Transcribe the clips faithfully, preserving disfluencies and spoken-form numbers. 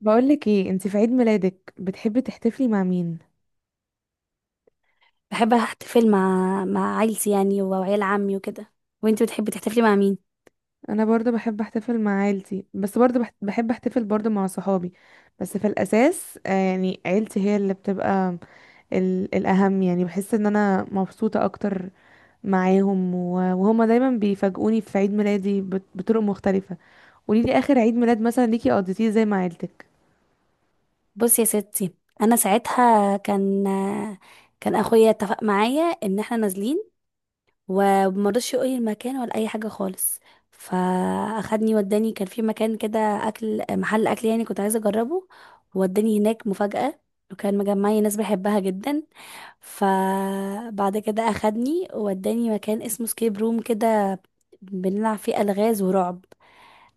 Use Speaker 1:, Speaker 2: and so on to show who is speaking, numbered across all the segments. Speaker 1: بقولك ايه انتي، في عيد ميلادك بتحبي تحتفلي مع مين؟
Speaker 2: بحب احتفل مع مع عيلتي، يعني وعيال عمي وكده. وانتي بتحبي تحتفلي مع مين؟
Speaker 1: انا برضه بحب احتفل مع عيلتي، بس برضه بح- بحب احتفل برضه مع صحابي. بس في الاساس آه، يعني عيلتي هي اللي بتبقى ال- الاهم. يعني بحس ان انا مبسوطة اكتر معاهم، و- وهما دايما بيفاجئوني في عيد ميلادي بط- بطرق مختلفة. قوليلي اخر عيد ميلاد مثلا ليكي قضيتيه زي مع عيلتك.
Speaker 2: بصي يا ستي، انا ساعتها كان كان اخويا اتفق معايا ان احنا نازلين، ومرضش يقولي المكان ولا اي حاجه خالص. فاخدني وداني، كان في مكان كده اكل، محل اكل يعني كنت عايزه اجربه. وداني هناك مفاجاه، وكان مجمعي ناس بحبها جدا. فبعد كده اخدني ووداني مكان اسمه سكيب روم كده، بنلعب فيه الغاز ورعب.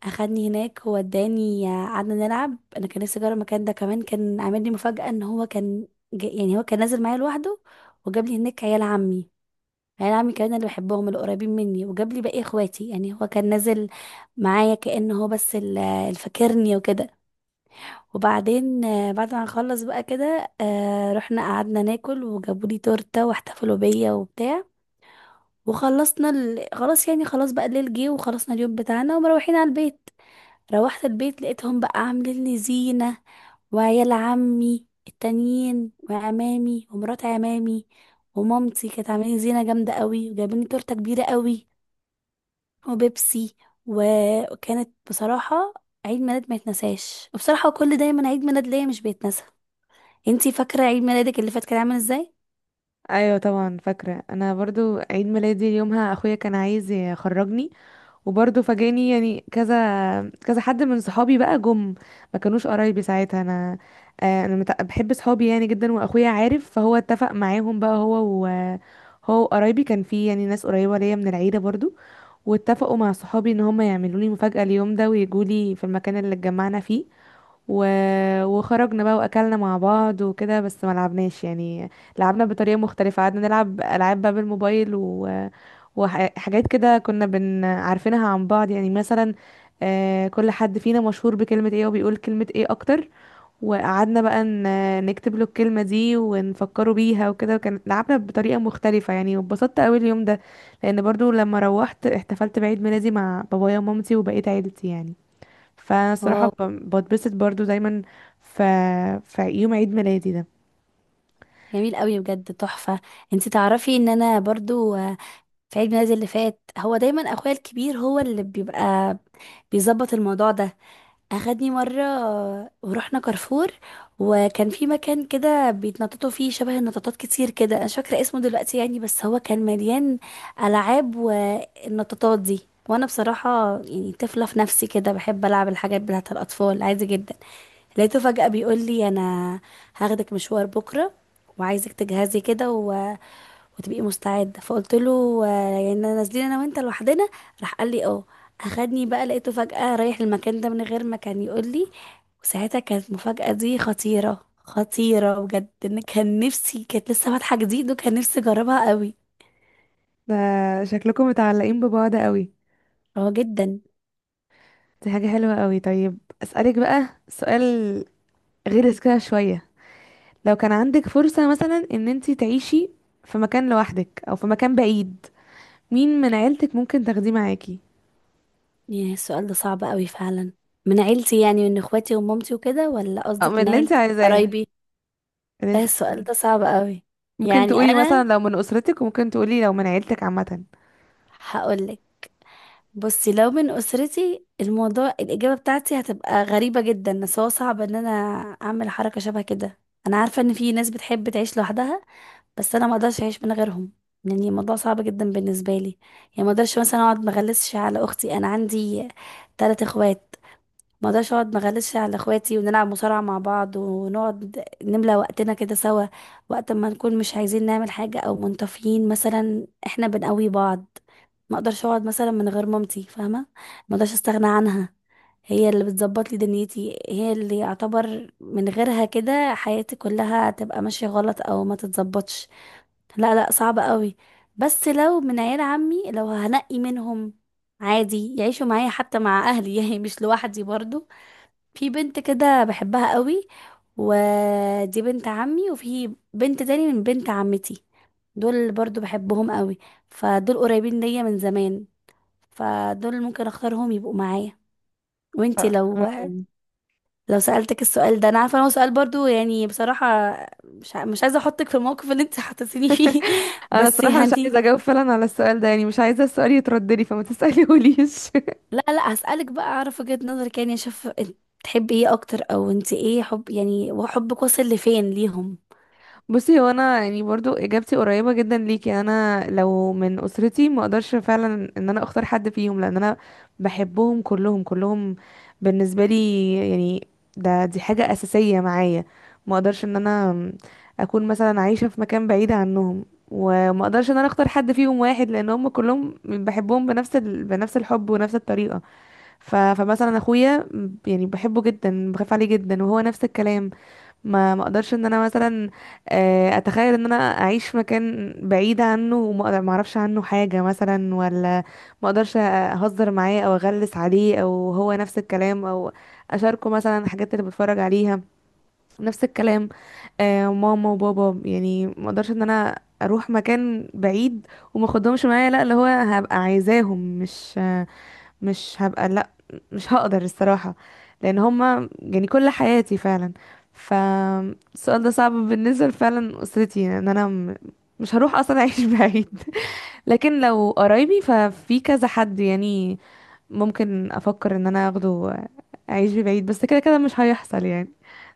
Speaker 2: اخدني هناك ووداني قعدنا نلعب، انا كان نفسي اجرب المكان ده كمان. كان عامل لي مفاجأة ان هو كان ج- يعني هو كان نازل معايا لوحده، وجاب لي هناك عيال عمي. عيال عمي كمان اللي بحبهم القريبين مني، وجاب لي باقي اخواتي. يعني هو كان نازل معايا كأنه هو بس اللي اللي فاكرني وكده. وبعدين آه، بعد ما نخلص بقى كده، آه، رحنا قعدنا ناكل وجابوا لي تورته واحتفلوا بيا وبتاع. وخلصنا ال... خلاص، يعني خلاص بقى الليل جه، وخلصنا اليوم بتاعنا ومروحين على البيت. روحت البيت لقيتهم بقى عاملين لي زينه، وعيال عمي التانيين وعمامي ومرات عمامي ومامتي كانت عاملين زينة جامدة قوي، وجايبين لي تورتة كبيرة قوي وبيبسي. و- وكانت بصراحة عيد ميلاد ما يتنساش. وبصراحة كل دايما عيد ميلاد ليا مش بيتنسى. انتي فاكره عيد ميلادك اللي فات كان عامل ازاي؟
Speaker 1: ايوه طبعا فاكره. انا برضو عيد ميلادي يومها اخويا كان عايز يخرجني، وبرضه فاجئني يعني كذا كذا حد من صحابي بقى جم. ما كانوش قرايبي ساعتها. انا آه، انا مت- بحب صحابي يعني جدا، واخويا عارف، فهو اتفق معاهم بقى هو و هو قرايبي، كان في يعني ناس قريبة ليا من العيلة برضو، واتفقوا مع صحابي ان هم يعملوا لي مفاجأة اليوم ده ويجوا لي في المكان اللي اتجمعنا فيه و... وخرجنا بقى واكلنا مع بعض وكده، بس ما لعبناش يعني. لعبنا بطريقه مختلفه، قعدنا نلعب العاب بقى بالموبايل و... وحاجات كده كنا بن عارفينها عن بعض، يعني مثلا آه، كل حد فينا مشهور بكلمه ايه وبيقول كلمه ايه اكتر، وقعدنا بقى ن- نكتب له الكلمه دي ونفكره بيها وكده، وكان لعبنا بطريقه مختلفه يعني، واتبسطت قوي اليوم ده، لان برضو لما روحت احتفلت بعيد ميلادي مع بابايا ومامتي وبقيت عيلتي يعني. فانا الصراحه
Speaker 2: اه،
Speaker 1: ب- بتبسط برضو دايما في في يوم عيد ميلادي ده.
Speaker 2: جميل قوي بجد، تحفه. انتي تعرفي ان انا برضو آه، في عيد ميلادي اللي فات، هو دايما اخويا الكبير هو اللي بيبقى بيظبط الموضوع ده. اخدني مره، آه، ورحنا كارفور. وكان في مكان كده بيتنططوا فيه، شبه النطاطات كتير كده، انا مش فاكره اسمه دلوقتي يعني، بس هو كان مليان العاب والنطاطات دي. وانا بصراحه يعني طفله في نفسي كده، بحب العب الحاجات بتاعت الاطفال عادي جدا. لقيته فجأة بيقول لي: انا هاخدك مشوار بكرة، وعايزك تجهزي كده و... وتبقي مستعدة. فقلت له: آه، يعني نازلين انا وانت لوحدنا؟ راح قال لي: اه. اخدني بقى، لقيته فجأة رايح المكان ده من غير ما كان يقول لي. وساعتها كانت المفاجأة دي خطيرة خطيرة بجد، ان كان نفسي كانت لسه فاتحة جديد وكان نفسي اجربها قوي.
Speaker 1: ده شكلكم متعلقين ببعض قوي.
Speaker 2: اه، جدا.
Speaker 1: دي حاجه حلوه قوي. طيب اسالك بقى سؤال غير كده شويه. لو كان عندك فرصه مثلا ان انتي تعيشي في مكان لوحدك او في مكان بعيد، مين من عيلتك ممكن تاخديه معاكي؟
Speaker 2: يا، السؤال ده صعب قوي فعلا. من عيلتي يعني من اخواتي ومامتي وكده، ولا
Speaker 1: او
Speaker 2: قصدك
Speaker 1: من
Speaker 2: من
Speaker 1: اللي انت
Speaker 2: عيلتي
Speaker 1: عايزاه،
Speaker 2: قرايبي؟
Speaker 1: اللي
Speaker 2: ده
Speaker 1: انت
Speaker 2: السؤال
Speaker 1: عايزاه.
Speaker 2: ده صعب قوي.
Speaker 1: ممكن
Speaker 2: يعني
Speaker 1: تقولي مثلا
Speaker 2: انا
Speaker 1: لو من اسرتك، وممكن تقولي لو من عيلتك عامه.
Speaker 2: هقولك. بصي، لو من اسرتي، الموضوع الاجابه بتاعتي هتبقى غريبه جدا، بس هو صعب ان انا اعمل حركه شبه كده. انا عارفه ان في ناس بتحب تعيش لوحدها، بس انا ما اقدرش اعيش من غيرهم. يعني الموضوع صعب جدا بالنسبه لي. يعني ما اقدرش مثلا اقعد ما اغلسش على اختي. انا عندي ثلاث اخوات. ما اقدرش اقعد ما اغلسش على اخواتي، ونلعب مصارعة مع بعض، ونقعد نملى وقتنا كده سوا. وقت ما نكون مش عايزين نعمل حاجة او منطفيين مثلا، احنا بنقوي بعض. ما اقدرش اقعد مثلا من غير مامتي، فاهمة. ما اقدرش استغنى عنها. هي اللي بتظبط لي دنيتي، هي اللي يعتبر من غيرها كده حياتي كلها تبقى ماشية غلط او ما تتظبطش. لا، لا، صعب قوي. بس لو من عيال عمي، لو هنقي منهم عادي يعيشوا معايا حتى مع اهلي يعني مش لوحدي برضو. في بنت كده بحبها قوي، ودي بنت عمي، وفي بنت تاني من بنت عمتي. دول برضو بحبهم قوي، فدول قريبين ليا من زمان، فدول ممكن اختارهم يبقوا معايا. وانتي لو لو سألتك السؤال ده، انا عارفه ان هو سؤال برضو يعني بصراحه، مش ع- مش عايزه احطك في الموقف اللي انت حطيتيني فيه
Speaker 1: انا
Speaker 2: بس
Speaker 1: الصراحه مش
Speaker 2: يعني.
Speaker 1: عايزه اجاوب فعلا على السؤال ده، يعني مش عايزه السؤال يترد لي فما تساليهوليش.
Speaker 2: لا، لا، هسألك بقى اعرف وجهة نظرك، يعني اشوف إنت بتحبي ايه اكتر، او انت ايه حب يعني وحبك وصل لفين ليهم؟
Speaker 1: بصي، هو انا يعني برضو اجابتي قريبه جدا ليكي. انا لو من اسرتي ما اقدرش فعلا ان انا اختار حد فيهم، لان انا بحبهم كلهم كلهم. بالنسبه لي يعني ده دي حاجه اساسيه معايا. ما اقدرش ان انا اكون مثلا عايشه في مكان بعيد عنهم، وما اقدرش ان انا اختار حد فيهم واحد، لان هم كلهم بحبهم بنفس ال... بنفس الحب ونفس الطريقه. ف... فمثلا اخويا م- يعني بحبه جدا، بخاف عليه جدا، وهو نفس الكلام. ما ما اقدرش ان انا مثلا آه، اتخيل ان انا اعيش في مكان بعيد عنه، وما أقدر- ما اعرفش عنه حاجه مثلا، ولا ما اقدرش اهزر معاه او اغلس عليه، او هو نفس الكلام، او اشاركه مثلا الحاجات اللي بتفرج عليها نفس الكلام. آه، ماما وبابا يعني ما اقدرش ان انا اروح مكان بعيد وما اخدهمش معايا. لا، اللي هو هبقى عايزاهم، مش مش هبقى لا مش هقدر الصراحة، لان هما يعني كل حياتي فعلا. فالسؤال ده صعب بالنسبة فعلا اسرتي، ان انا م- مش هروح اصلا اعيش بعيد. لكن لو قرايبي ففي كذا حد يعني ممكن افكر ان انا اخده اعيش بعيد، بس كده كده مش هيحصل يعني.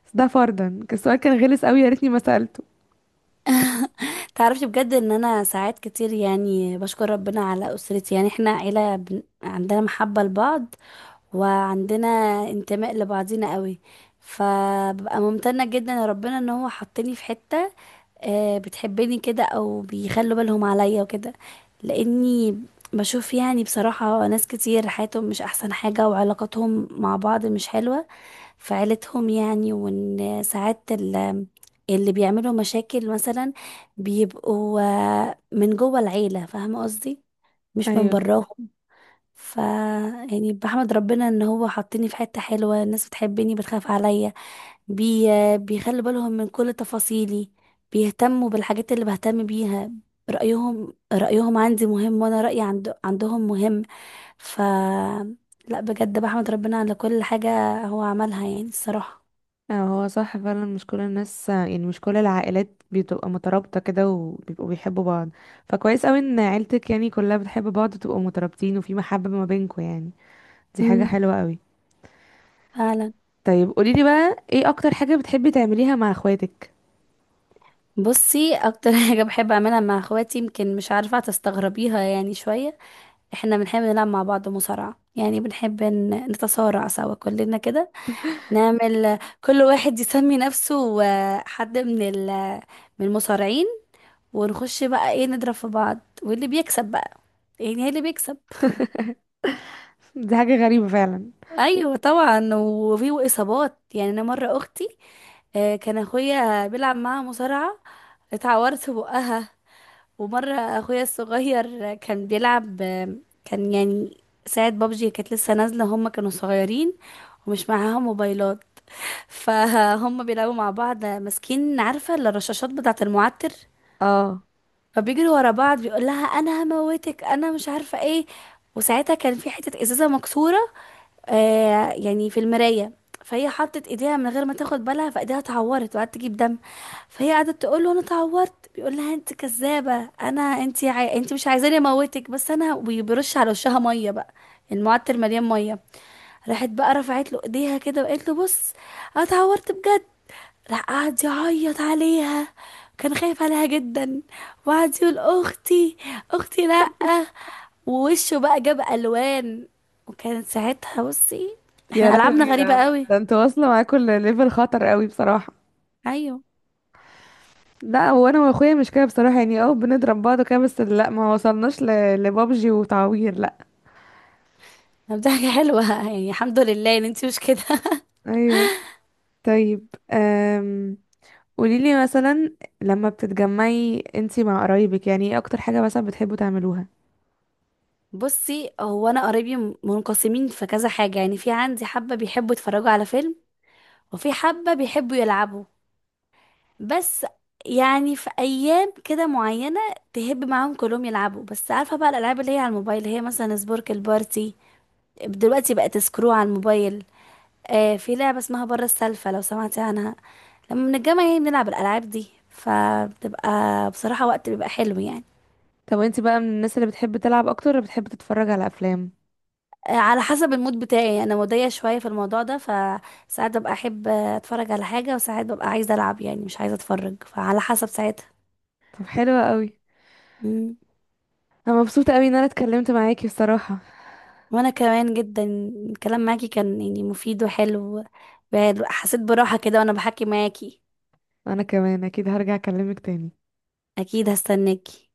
Speaker 1: بس ده فرضا. السؤال كان غلس قوي، يا ريتني ما سألته.
Speaker 2: تعرفي بجد ان انا ساعات كتير يعني بشكر ربنا على اسرتي، يعني احنا عيله بن... عندنا محبه لبعض، وعندنا انتماء لبعضينا قوي. فببقى ممتنه جدا لربنا ان هو حطني في حته آه، بتحبني كده، او بيخلوا بالهم عليا وكده. لاني بشوف يعني بصراحة ناس كتير حياتهم مش احسن حاجة، وعلاقاتهم مع بعض مش حلوة في عيلتهم يعني. وان ساعات ال- اللي بيعملوا مشاكل مثلا بيبقوا آه، من جوه العيلة، فاهمة قصدي، مش من
Speaker 1: ايوه.
Speaker 2: براهم. ف يعني بحمد ربنا ان هو حطني في حتة حلوة، الناس بتحبني، بتخاف عليا. بي... بيخلي بالهم من كل تفاصيلي، بيهتموا بالحاجات اللي بهتم بيها. رأيهم رأيهم عندي مهم، وانا رأيي عند... عندهم مهم. ف لا، بجد بحمد ربنا على كل حاجة هو عملها يعني الصراحة.
Speaker 1: اه، هو صح فعلا، مش كل الناس يعني مش كل العائلات بتبقى مترابطة كده وبيبقوا بيحبوا بعض. فكويس قوي ان عيلتك يعني كلها بتحب بعض وتبقوا مترابطين وفي محبة ما بينكوا يعني. دي حاجة
Speaker 2: امم،
Speaker 1: حلوة قوي.
Speaker 2: فعلا.
Speaker 1: طيب قوليلي بقى ايه اكتر حاجة بتحبي تعمليها مع اخواتك؟
Speaker 2: بصي، اكتر حاجة بحب اعملها مع اخواتي، يمكن مش عارفة هتستغربيها يعني شوية. احنا بنحب نلعب مع بعض مصارعة، يعني بنحب ن- نتصارع سوا كلنا كده. نعمل كل واحد يسمي نفسه آه، حد من ال من المصارعين. ونخش بقى ايه نضرب في بعض، واللي بيكسب بقى، يعني هي اللي بيكسب.
Speaker 1: دي حاجة غريبة فعلا.
Speaker 2: ايوه طبعا، وفي اصابات. يعني انا مرة اختي، آه، كان اخويا بيلعب معاها مصارعة، اتعورت في بقها. ومرة اخويا الصغير كان بيلعب، كان يعني ساعة بابجي كانت لسه نازلة، هما كانوا صغيرين ومش معاهم موبايلات فهم بيلعبوا مع بعض ماسكين، عارفة، الرشاشات بتاعة المعتر.
Speaker 1: اه.
Speaker 2: فبيجروا ورا بعض، بيقول لها: انا هموتك انا مش عارفة ايه. وساعتها كان في حتة ازازة مكسورة، آه يعني في المراية. فهي حطت ايديها من غير ما تاخد بالها، فايديها اتعورت وقعدت تجيب دم. فهي قعدت تقول له: انا اتعورت. بيقول لها: انت كذابة، انا، انت عاي... انت مش عايزاني اموتك بس انا، وبيرش على وشها مية بقى، المعتر مليان مية. راحت بقى رفعت له ايديها كده وقالت له: بص، انا اتعورت بجد. راح قعد يعيط عليها، كان خايف عليها جدا، وقعد يقول: اختي، اختي، لا. ووشه بقى جاب الوان. وكانت ساعتها، بصي
Speaker 1: يا
Speaker 2: احنا العابنا
Speaker 1: لهوي!
Speaker 2: غريبه
Speaker 1: ده
Speaker 2: قوي.
Speaker 1: ده انتوا واصلة معاكوا ليفل خطر قوي بصراحة.
Speaker 2: ايوه.
Speaker 1: لا، هو انا واخويا مش كده بصراحة، يعني اه بنضرب بعض كده بس، لا ما وصلناش ل... لبابجي وتعوير، لا.
Speaker 2: طب، دي حاجه حلوه يعني، الحمد لله ان انتي مش كده
Speaker 1: ايوه. طيب أم... قوليلي مثلا لما بتتجمعي انتي مع قرايبك، يعني ايه اكتر حاجة مثلا بتحبوا تعملوها؟
Speaker 2: بصي، هو انا قرايبي م- منقسمين في كذا حاجه، يعني في عندي حبه بيحبوا يتفرجوا على فيلم، وفي حبه بيحبوا يلعبوا. بس، يعني في ايام كده معينه تهب معاهم كلهم يلعبوا، بس عارفه بقى الالعاب اللي هي على الموبايل، اللي هي مثلا سبورك البارتي دلوقتي بقت سكرو على الموبايل. آه في لعبه اسمها بره السالفه لو سمعتي عنها. لما من الجامعة يعني بنلعب الألعاب دي، فبتبقى بصراحة وقت بيبقى حلو يعني.
Speaker 1: طب انتي بقى من الناس اللي بتحب تلعب اكتر، ولا بتحب تتفرج على افلام؟
Speaker 2: آه، على حسب المود بتاعي، أنا مودية شوية في الموضوع ده، فساعات ببقى أحب أتفرج على حاجة، وساعات ببقى عايزة ألعب يعني مش عايزة أتفرج، فعلى حسب ساعتها.
Speaker 1: طب حلوة قوي.
Speaker 2: مم.
Speaker 1: انا مبسوطة قوي ان انا اتكلمت معاكي بصراحة.
Speaker 2: وأنا كمان جدا. الكلام معاكي كان يعني مفيد وحلو، حسيت براحة كده وأنا بحكي معاكي.
Speaker 1: انا كمان اكيد هرجع اكلمك تاني.
Speaker 2: أكيد هستناكي.